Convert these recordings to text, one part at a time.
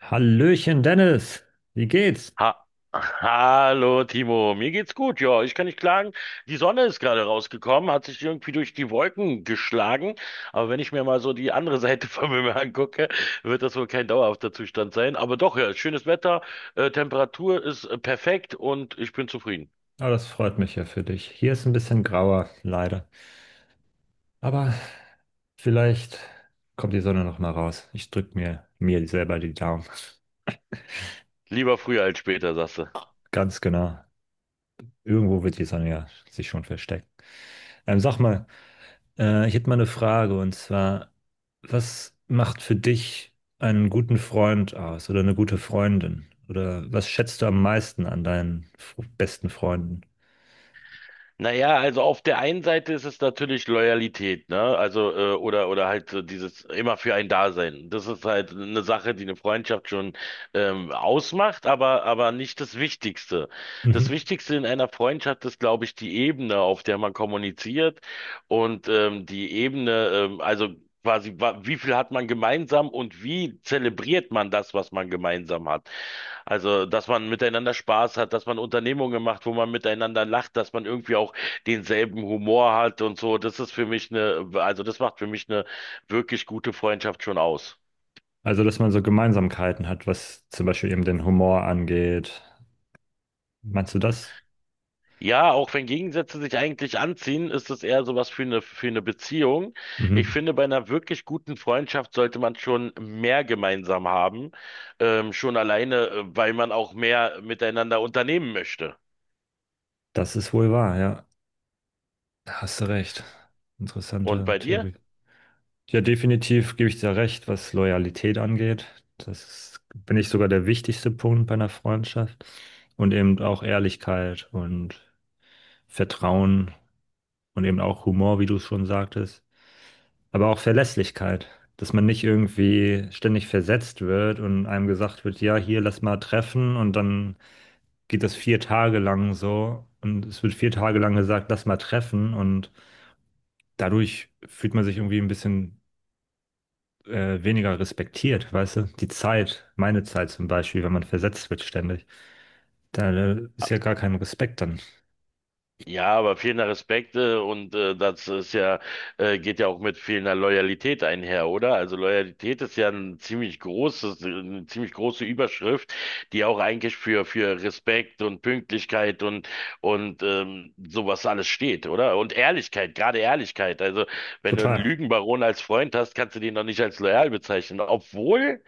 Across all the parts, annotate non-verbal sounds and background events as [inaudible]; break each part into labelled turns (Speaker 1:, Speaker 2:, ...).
Speaker 1: Hallöchen, Dennis. Wie geht's?
Speaker 2: Ha Hallo Timo, mir geht's gut, ja, ich kann nicht klagen. Die Sonne ist gerade rausgekommen, hat sich irgendwie durch die Wolken geschlagen, aber wenn ich mir mal so die andere [laughs] Seite vom Himmel angucke, wird das wohl kein dauerhafter Zustand sein. Aber doch, ja, schönes Wetter, Temperatur ist perfekt und ich bin zufrieden.
Speaker 1: Oh, das freut mich ja für dich. Hier ist ein bisschen grauer, leider. Aber vielleicht kommt die Sonne noch mal raus. Ich drück mir selber die Daumen.
Speaker 2: Lieber früher als später, sagst du.
Speaker 1: [laughs] Ganz genau. Irgendwo wird die Sonne ja sich schon verstecken. Sag mal, ich hätte mal eine Frage und zwar, was macht für dich einen guten Freund aus oder eine gute Freundin? Oder was schätzt du am meisten an deinen besten Freunden?
Speaker 2: Naja, also auf der einen Seite ist es natürlich Loyalität, ne? Also, oder halt so dieses immer für ein Dasein. Das ist halt eine Sache, die eine Freundschaft schon ausmacht, aber nicht das Wichtigste. Das
Speaker 1: Mhm.
Speaker 2: Wichtigste in einer Freundschaft ist, glaube ich, die Ebene, auf der man kommuniziert und die Ebene, also quasi, wie viel hat man gemeinsam und wie zelebriert man das, was man gemeinsam hat? Also, dass man miteinander Spaß hat, dass man Unternehmungen macht, wo man miteinander lacht, dass man irgendwie auch denselben Humor hat und so, das ist für mich eine das macht für mich eine wirklich gute Freundschaft schon aus.
Speaker 1: Also, dass man so Gemeinsamkeiten hat, was zum Beispiel eben den Humor angeht. Meinst du das?
Speaker 2: Ja, auch wenn Gegensätze sich eigentlich anziehen, ist es eher sowas für eine Beziehung. Ich
Speaker 1: Mhm.
Speaker 2: finde, bei einer wirklich guten Freundschaft sollte man schon mehr gemeinsam haben, schon alleine, weil man auch mehr miteinander unternehmen möchte.
Speaker 1: Das ist wohl wahr, ja. Da hast du recht.
Speaker 2: Und
Speaker 1: Interessante
Speaker 2: bei dir?
Speaker 1: Theorie. Ja, definitiv gebe ich dir recht, was Loyalität angeht. Das ist, bin ich sogar der wichtigste Punkt bei einer Freundschaft. Und eben auch Ehrlichkeit und Vertrauen und eben auch Humor, wie du es schon sagtest. Aber auch Verlässlichkeit, dass man nicht irgendwie ständig versetzt wird und einem gesagt wird, ja, hier lass mal treffen und dann geht das 4 Tage lang so und es wird 4 Tage lang gesagt, lass mal treffen und dadurch fühlt man sich irgendwie ein bisschen weniger respektiert, weißt du? Die Zeit, meine Zeit zum Beispiel, wenn man versetzt wird ständig, da ist ja gar kein Respekt dann.
Speaker 2: Ja, aber fehlender Respekt und geht ja auch mit fehlender Loyalität einher, oder? Also Loyalität ist ja eine ziemlich große Überschrift, die auch eigentlich für Respekt und Pünktlichkeit und und sowas alles steht, oder? Und Ehrlichkeit, gerade Ehrlichkeit. Also wenn du einen
Speaker 1: Total.
Speaker 2: Lügenbaron als Freund hast, kannst du den noch nicht als loyal bezeichnen, obwohl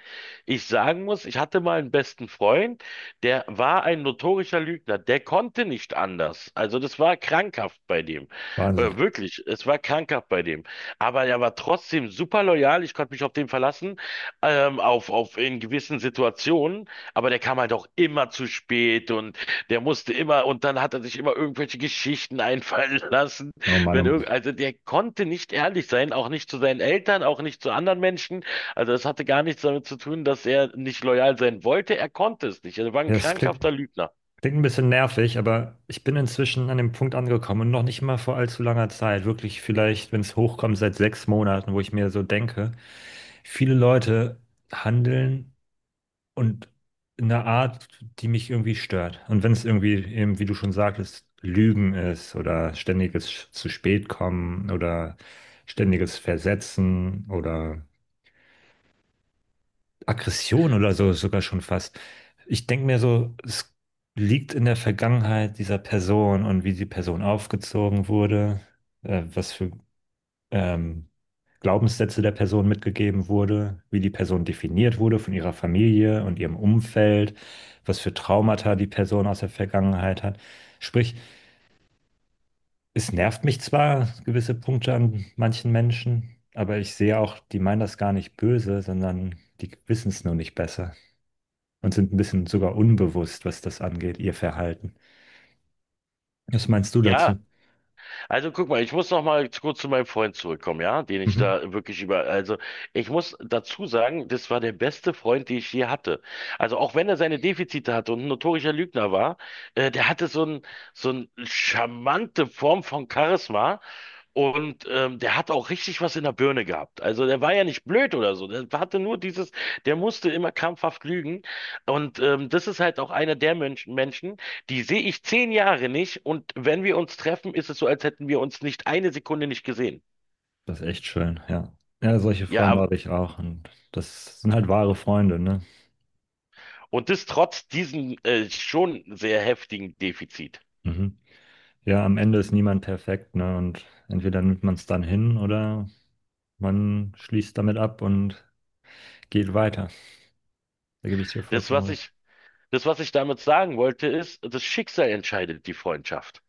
Speaker 2: ich sagen muss, ich hatte mal einen besten Freund. Der war ein notorischer Lügner. Der konnte nicht anders. Also das war krankhaft bei dem.
Speaker 1: Wahnsinn.
Speaker 2: Wirklich, es war krankhaft bei dem. Aber er war trotzdem super loyal. Ich konnte mich auf den verlassen, auf in gewissen Situationen. Aber der kam halt auch immer zu spät und der musste immer, und dann hat er sich immer irgendwelche Geschichten einfallen [laughs] lassen.
Speaker 1: Oh Mann, oh
Speaker 2: Wenn
Speaker 1: Mann.
Speaker 2: irgend, also der konnte nicht ehrlich sein, auch nicht zu seinen Eltern, auch nicht zu anderen Menschen. Also es hatte gar nichts damit zu tun, dass er nicht loyal sein wollte. Er konnte es nicht. Er war ein
Speaker 1: Ja, es klingt,
Speaker 2: krankhafter Lügner.
Speaker 1: Klingt ein bisschen nervig, aber ich bin inzwischen an dem Punkt angekommen und noch nicht mal vor allzu langer Zeit, wirklich vielleicht, wenn es hochkommt, seit 6 Monaten, wo ich mir so denke, viele Leute handeln und in einer Art, die mich irgendwie stört. Und wenn es irgendwie eben, wie du schon sagtest, Lügen ist oder ständiges zu spät kommen oder ständiges Versetzen oder Aggression oder so sogar schon fast. Ich denke mir so, es liegt in der Vergangenheit dieser Person und wie die Person aufgezogen wurde, was für ähm, Glaubenssätze der Person mitgegeben wurde, wie die Person definiert wurde von ihrer Familie und ihrem Umfeld, was für Traumata die Person aus der Vergangenheit hat. Sprich, es nervt mich zwar gewisse Punkte an manchen Menschen, aber ich sehe auch, die meinen das gar nicht böse, sondern die wissen es nur nicht besser und sind ein bisschen sogar unbewusst, was das angeht, ihr Verhalten. Was meinst du
Speaker 2: Ja,
Speaker 1: dazu?
Speaker 2: also guck mal, ich muss noch mal kurz zu meinem Freund zurückkommen, ja, den ich
Speaker 1: Mhm.
Speaker 2: da wirklich über, also ich muss dazu sagen, das war der beste Freund, den ich je hatte. Also auch wenn er seine Defizite hatte und ein notorischer Lügner war, der hatte so ein, so eine charmante Form von Charisma. Und der hat auch richtig was in der Birne gehabt. Also der war ja nicht blöd oder so. Der hatte nur dieses, der musste immer krampfhaft lügen. Und das ist halt auch einer der Menschen, die sehe ich 10 Jahre nicht. Und wenn wir uns treffen, ist es so, als hätten wir uns nicht eine Sekunde nicht gesehen.
Speaker 1: Das ist echt schön, ja. Ja, solche
Speaker 2: Ja,
Speaker 1: Freunde
Speaker 2: aber,
Speaker 1: habe ich auch und das sind halt wahre Freunde, ne?
Speaker 2: und das trotz diesem schon sehr heftigen Defizit.
Speaker 1: Mhm. Ja, am Ende ist niemand perfekt, ne? Und entweder nimmt man es dann hin oder man schließt damit ab und geht weiter. Da gebe ich dir
Speaker 2: Das,
Speaker 1: vollkommen
Speaker 2: was
Speaker 1: recht.
Speaker 2: ich, das, was ich damit sagen wollte, ist, das Schicksal entscheidet die Freundschaft.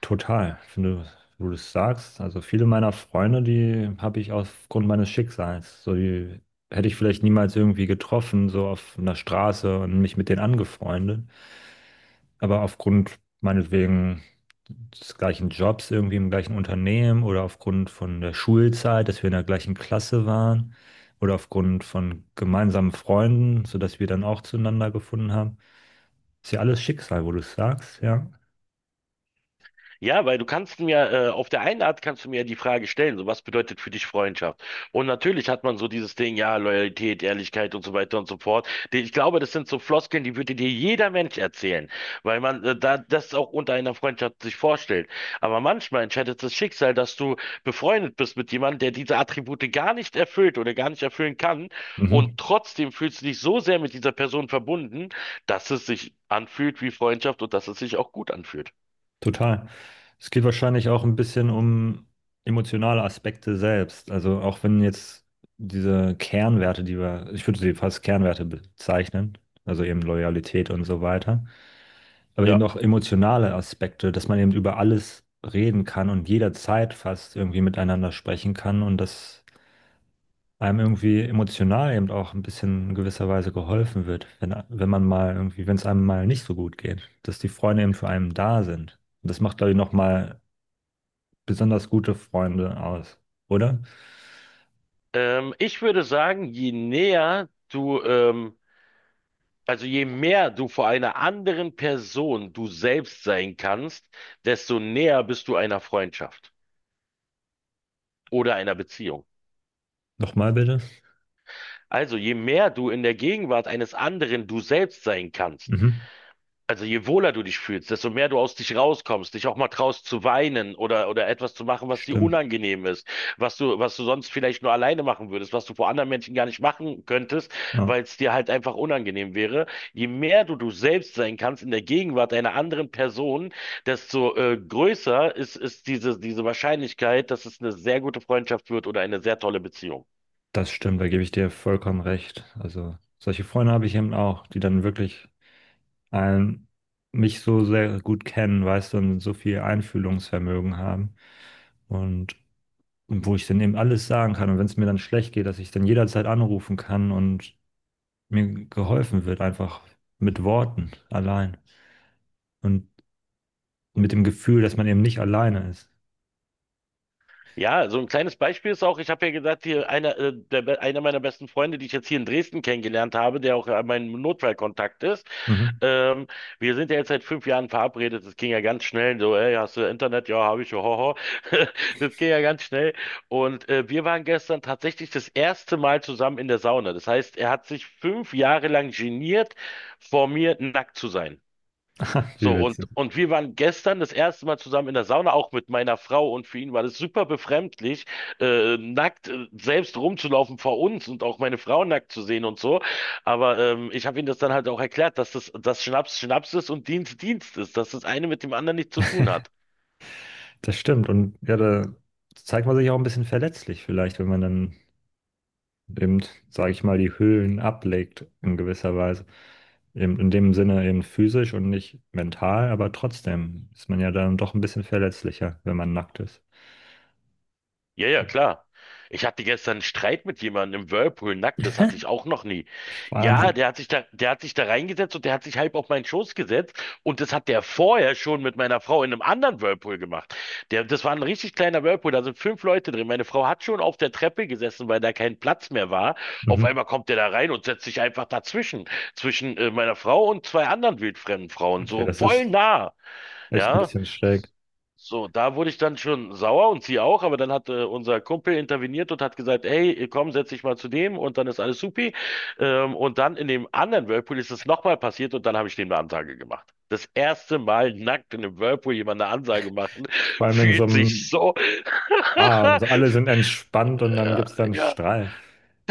Speaker 1: Total, wenn du das sagst. Also viele meiner Freunde, die habe ich aufgrund meines Schicksals. So, die hätte ich vielleicht niemals irgendwie getroffen, so auf einer Straße und mich mit denen angefreundet. Aber aufgrund meinetwegen des gleichen Jobs, irgendwie im gleichen Unternehmen oder aufgrund von der Schulzeit, dass wir in der gleichen Klasse waren oder aufgrund von gemeinsamen Freunden, sodass wir dann auch zueinander gefunden haben. Ist ja alles Schicksal, wo du es sagst, ja.
Speaker 2: Ja, weil du kannst mir, auf der einen Art kannst du mir ja die Frage stellen, so was bedeutet für dich Freundschaft? Und natürlich hat man so dieses Ding, ja, Loyalität, Ehrlichkeit und so weiter und so fort. Ich glaube, das sind so Floskeln, die würde dir jeder Mensch erzählen, weil man da das auch unter einer Freundschaft sich vorstellt. Aber manchmal entscheidet das Schicksal, dass du befreundet bist mit jemandem, der diese Attribute gar nicht erfüllt oder gar nicht erfüllen kann. Und
Speaker 1: Mhm.
Speaker 2: trotzdem fühlst du dich so sehr mit dieser Person verbunden, dass es sich anfühlt wie Freundschaft und dass es sich auch gut anfühlt.
Speaker 1: Total. Es geht wahrscheinlich auch ein bisschen um emotionale Aspekte selbst. Also auch wenn jetzt diese Kernwerte, ich würde sie fast Kernwerte bezeichnen, also eben Loyalität und so weiter, aber
Speaker 2: Ja.
Speaker 1: eben auch emotionale Aspekte, dass man eben über alles reden kann und jederzeit fast irgendwie miteinander sprechen kann und dass einem irgendwie emotional eben auch ein bisschen in gewisser Weise geholfen wird, wenn man mal irgendwie, wenn es einem mal nicht so gut geht, dass die Freunde eben für einen da sind. Das macht, glaube ich, nochmal besonders gute Freunde aus, oder?
Speaker 2: Ich würde sagen, je mehr du vor einer anderen Person du selbst sein kannst, desto näher bist du einer Freundschaft oder einer Beziehung.
Speaker 1: Nochmal bitte.
Speaker 2: Also je mehr du in der Gegenwart eines anderen du selbst sein kannst.
Speaker 1: Mhm.
Speaker 2: Also je wohler du dich fühlst, desto mehr du aus dich rauskommst, dich auch mal traust zu weinen oder etwas zu machen, was dir
Speaker 1: Stimmt.
Speaker 2: unangenehm ist, was du sonst vielleicht nur alleine machen würdest, was du vor anderen Menschen gar nicht machen könntest,
Speaker 1: Ja,
Speaker 2: weil es dir halt einfach unangenehm wäre. Je mehr du du selbst sein kannst in der Gegenwart einer anderen Person, desto größer ist diese Wahrscheinlichkeit, dass es eine sehr gute Freundschaft wird oder eine sehr tolle Beziehung.
Speaker 1: das stimmt, da gebe ich dir vollkommen recht. Also solche Freunde habe ich eben auch, die dann wirklich einen, mich so sehr gut kennen, weißt du, und so viel Einfühlungsvermögen haben. Und wo ich dann eben alles sagen kann. Und wenn es mir dann schlecht geht, dass ich dann jederzeit anrufen kann und mir geholfen wird, einfach mit Worten allein. Und mit dem Gefühl, dass man eben nicht alleine ist.
Speaker 2: Ja, so ein kleines Beispiel ist auch, ich habe ja gesagt, hier einer, der, be- einer meiner besten Freunde, die ich jetzt hier in Dresden kennengelernt habe, der auch mein Notfallkontakt ist.
Speaker 1: Mhm.
Speaker 2: Ähm, Wir sind ja jetzt seit 5 Jahren verabredet. Das ging ja ganz schnell. So, ey, hast du Internet? Ja, habe ich. Hoho. [laughs] Das ging ja ganz schnell. Und wir waren gestern tatsächlich das erste Mal zusammen in der Sauna. Das heißt, er hat sich 5 Jahre lang geniert, vor mir nackt zu sein.
Speaker 1: [laughs] Wie
Speaker 2: So,
Speaker 1: witzig.
Speaker 2: und wir waren gestern das erste Mal zusammen in der Sauna, auch mit meiner Frau. Und für ihn war das super befremdlich, nackt selbst rumzulaufen vor uns und auch meine Frau nackt zu sehen und so. Aber ich habe ihm das dann halt auch erklärt, dass Schnaps Schnaps ist und Dienst Dienst ist, dass das eine mit dem anderen nichts zu tun hat.
Speaker 1: Das stimmt. Und ja, da zeigt man sich auch ein bisschen verletzlich vielleicht, wenn man dann eben, sage ich mal, die Hüllen ablegt in gewisser Weise. Eben in dem Sinne eben physisch und nicht mental, aber trotzdem ist man ja dann doch ein bisschen verletzlicher, wenn man nackt ist.
Speaker 2: Ja, ja, klar. Ich hatte gestern einen Streit mit jemandem im Whirlpool nackt, das hatte
Speaker 1: [laughs]
Speaker 2: ich auch noch nie. Ja,
Speaker 1: Wahnsinn.
Speaker 2: der hat sich da reingesetzt und der hat sich halb auf meinen Schoß gesetzt und das hat der vorher schon mit meiner Frau in einem anderen Whirlpool gemacht. Das war ein richtig kleiner Whirlpool, da sind fünf Leute drin. Meine Frau hat schon auf der Treppe gesessen, weil da kein Platz mehr war. Auf
Speaker 1: Mhm.
Speaker 2: einmal kommt der da rein und setzt sich einfach dazwischen, zwischen meiner Frau und zwei anderen wildfremden Frauen,
Speaker 1: Okay,
Speaker 2: so
Speaker 1: das
Speaker 2: voll
Speaker 1: ist
Speaker 2: nah.
Speaker 1: echt ein
Speaker 2: Ja,
Speaker 1: bisschen schräg.
Speaker 2: so, da wurde ich dann schon sauer und sie auch, aber dann hat unser Kumpel interveniert und hat gesagt, hey, komm, setz dich mal zu dem und dann ist alles supi. Und dann in dem anderen Whirlpool ist es nochmal passiert und dann habe ich dem eine Ansage gemacht. Das erste Mal nackt in einem Whirlpool jemand eine Ansage machen,
Speaker 1: Vor
Speaker 2: [laughs]
Speaker 1: allem in so
Speaker 2: fühlt sich
Speaker 1: einem,
Speaker 2: so,
Speaker 1: ah, also alle sind entspannt und
Speaker 2: [laughs]
Speaker 1: dann gibt es
Speaker 2: äh,
Speaker 1: dann
Speaker 2: ja,
Speaker 1: Strahl.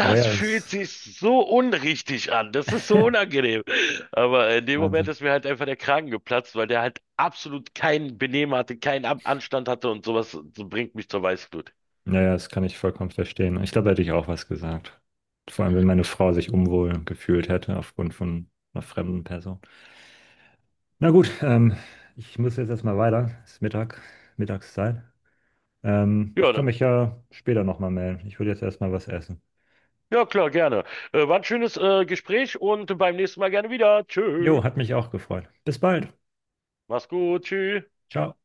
Speaker 1: Aber ja, das
Speaker 2: fühlt
Speaker 1: ist
Speaker 2: sich so unrichtig an. Das ist so unangenehm. Aber in dem Moment
Speaker 1: Wahnsinn.
Speaker 2: ist mir halt einfach der Kragen geplatzt, weil der halt absolut kein Benehmen hatte, keinen An Anstand hatte und sowas so bringt mich zur Weißglut.
Speaker 1: Naja, das kann ich vollkommen verstehen. Ich glaube, da hätte ich auch was gesagt. Vor allem, wenn meine Frau sich unwohl gefühlt hätte aufgrund von einer fremden Person. Na gut, ich muss jetzt erstmal weiter. Es ist Mittag, Mittagszeit. Ich
Speaker 2: Ja,
Speaker 1: kann mich ja später nochmal melden. Ich würde jetzt erstmal was essen.
Speaker 2: ja, klar, gerne. War ein schönes Gespräch und beim nächsten Mal gerne wieder. Tschö.
Speaker 1: Jo, hat mich auch gefreut. Bis bald.
Speaker 2: Mach's gut. Tschüss.
Speaker 1: Ciao.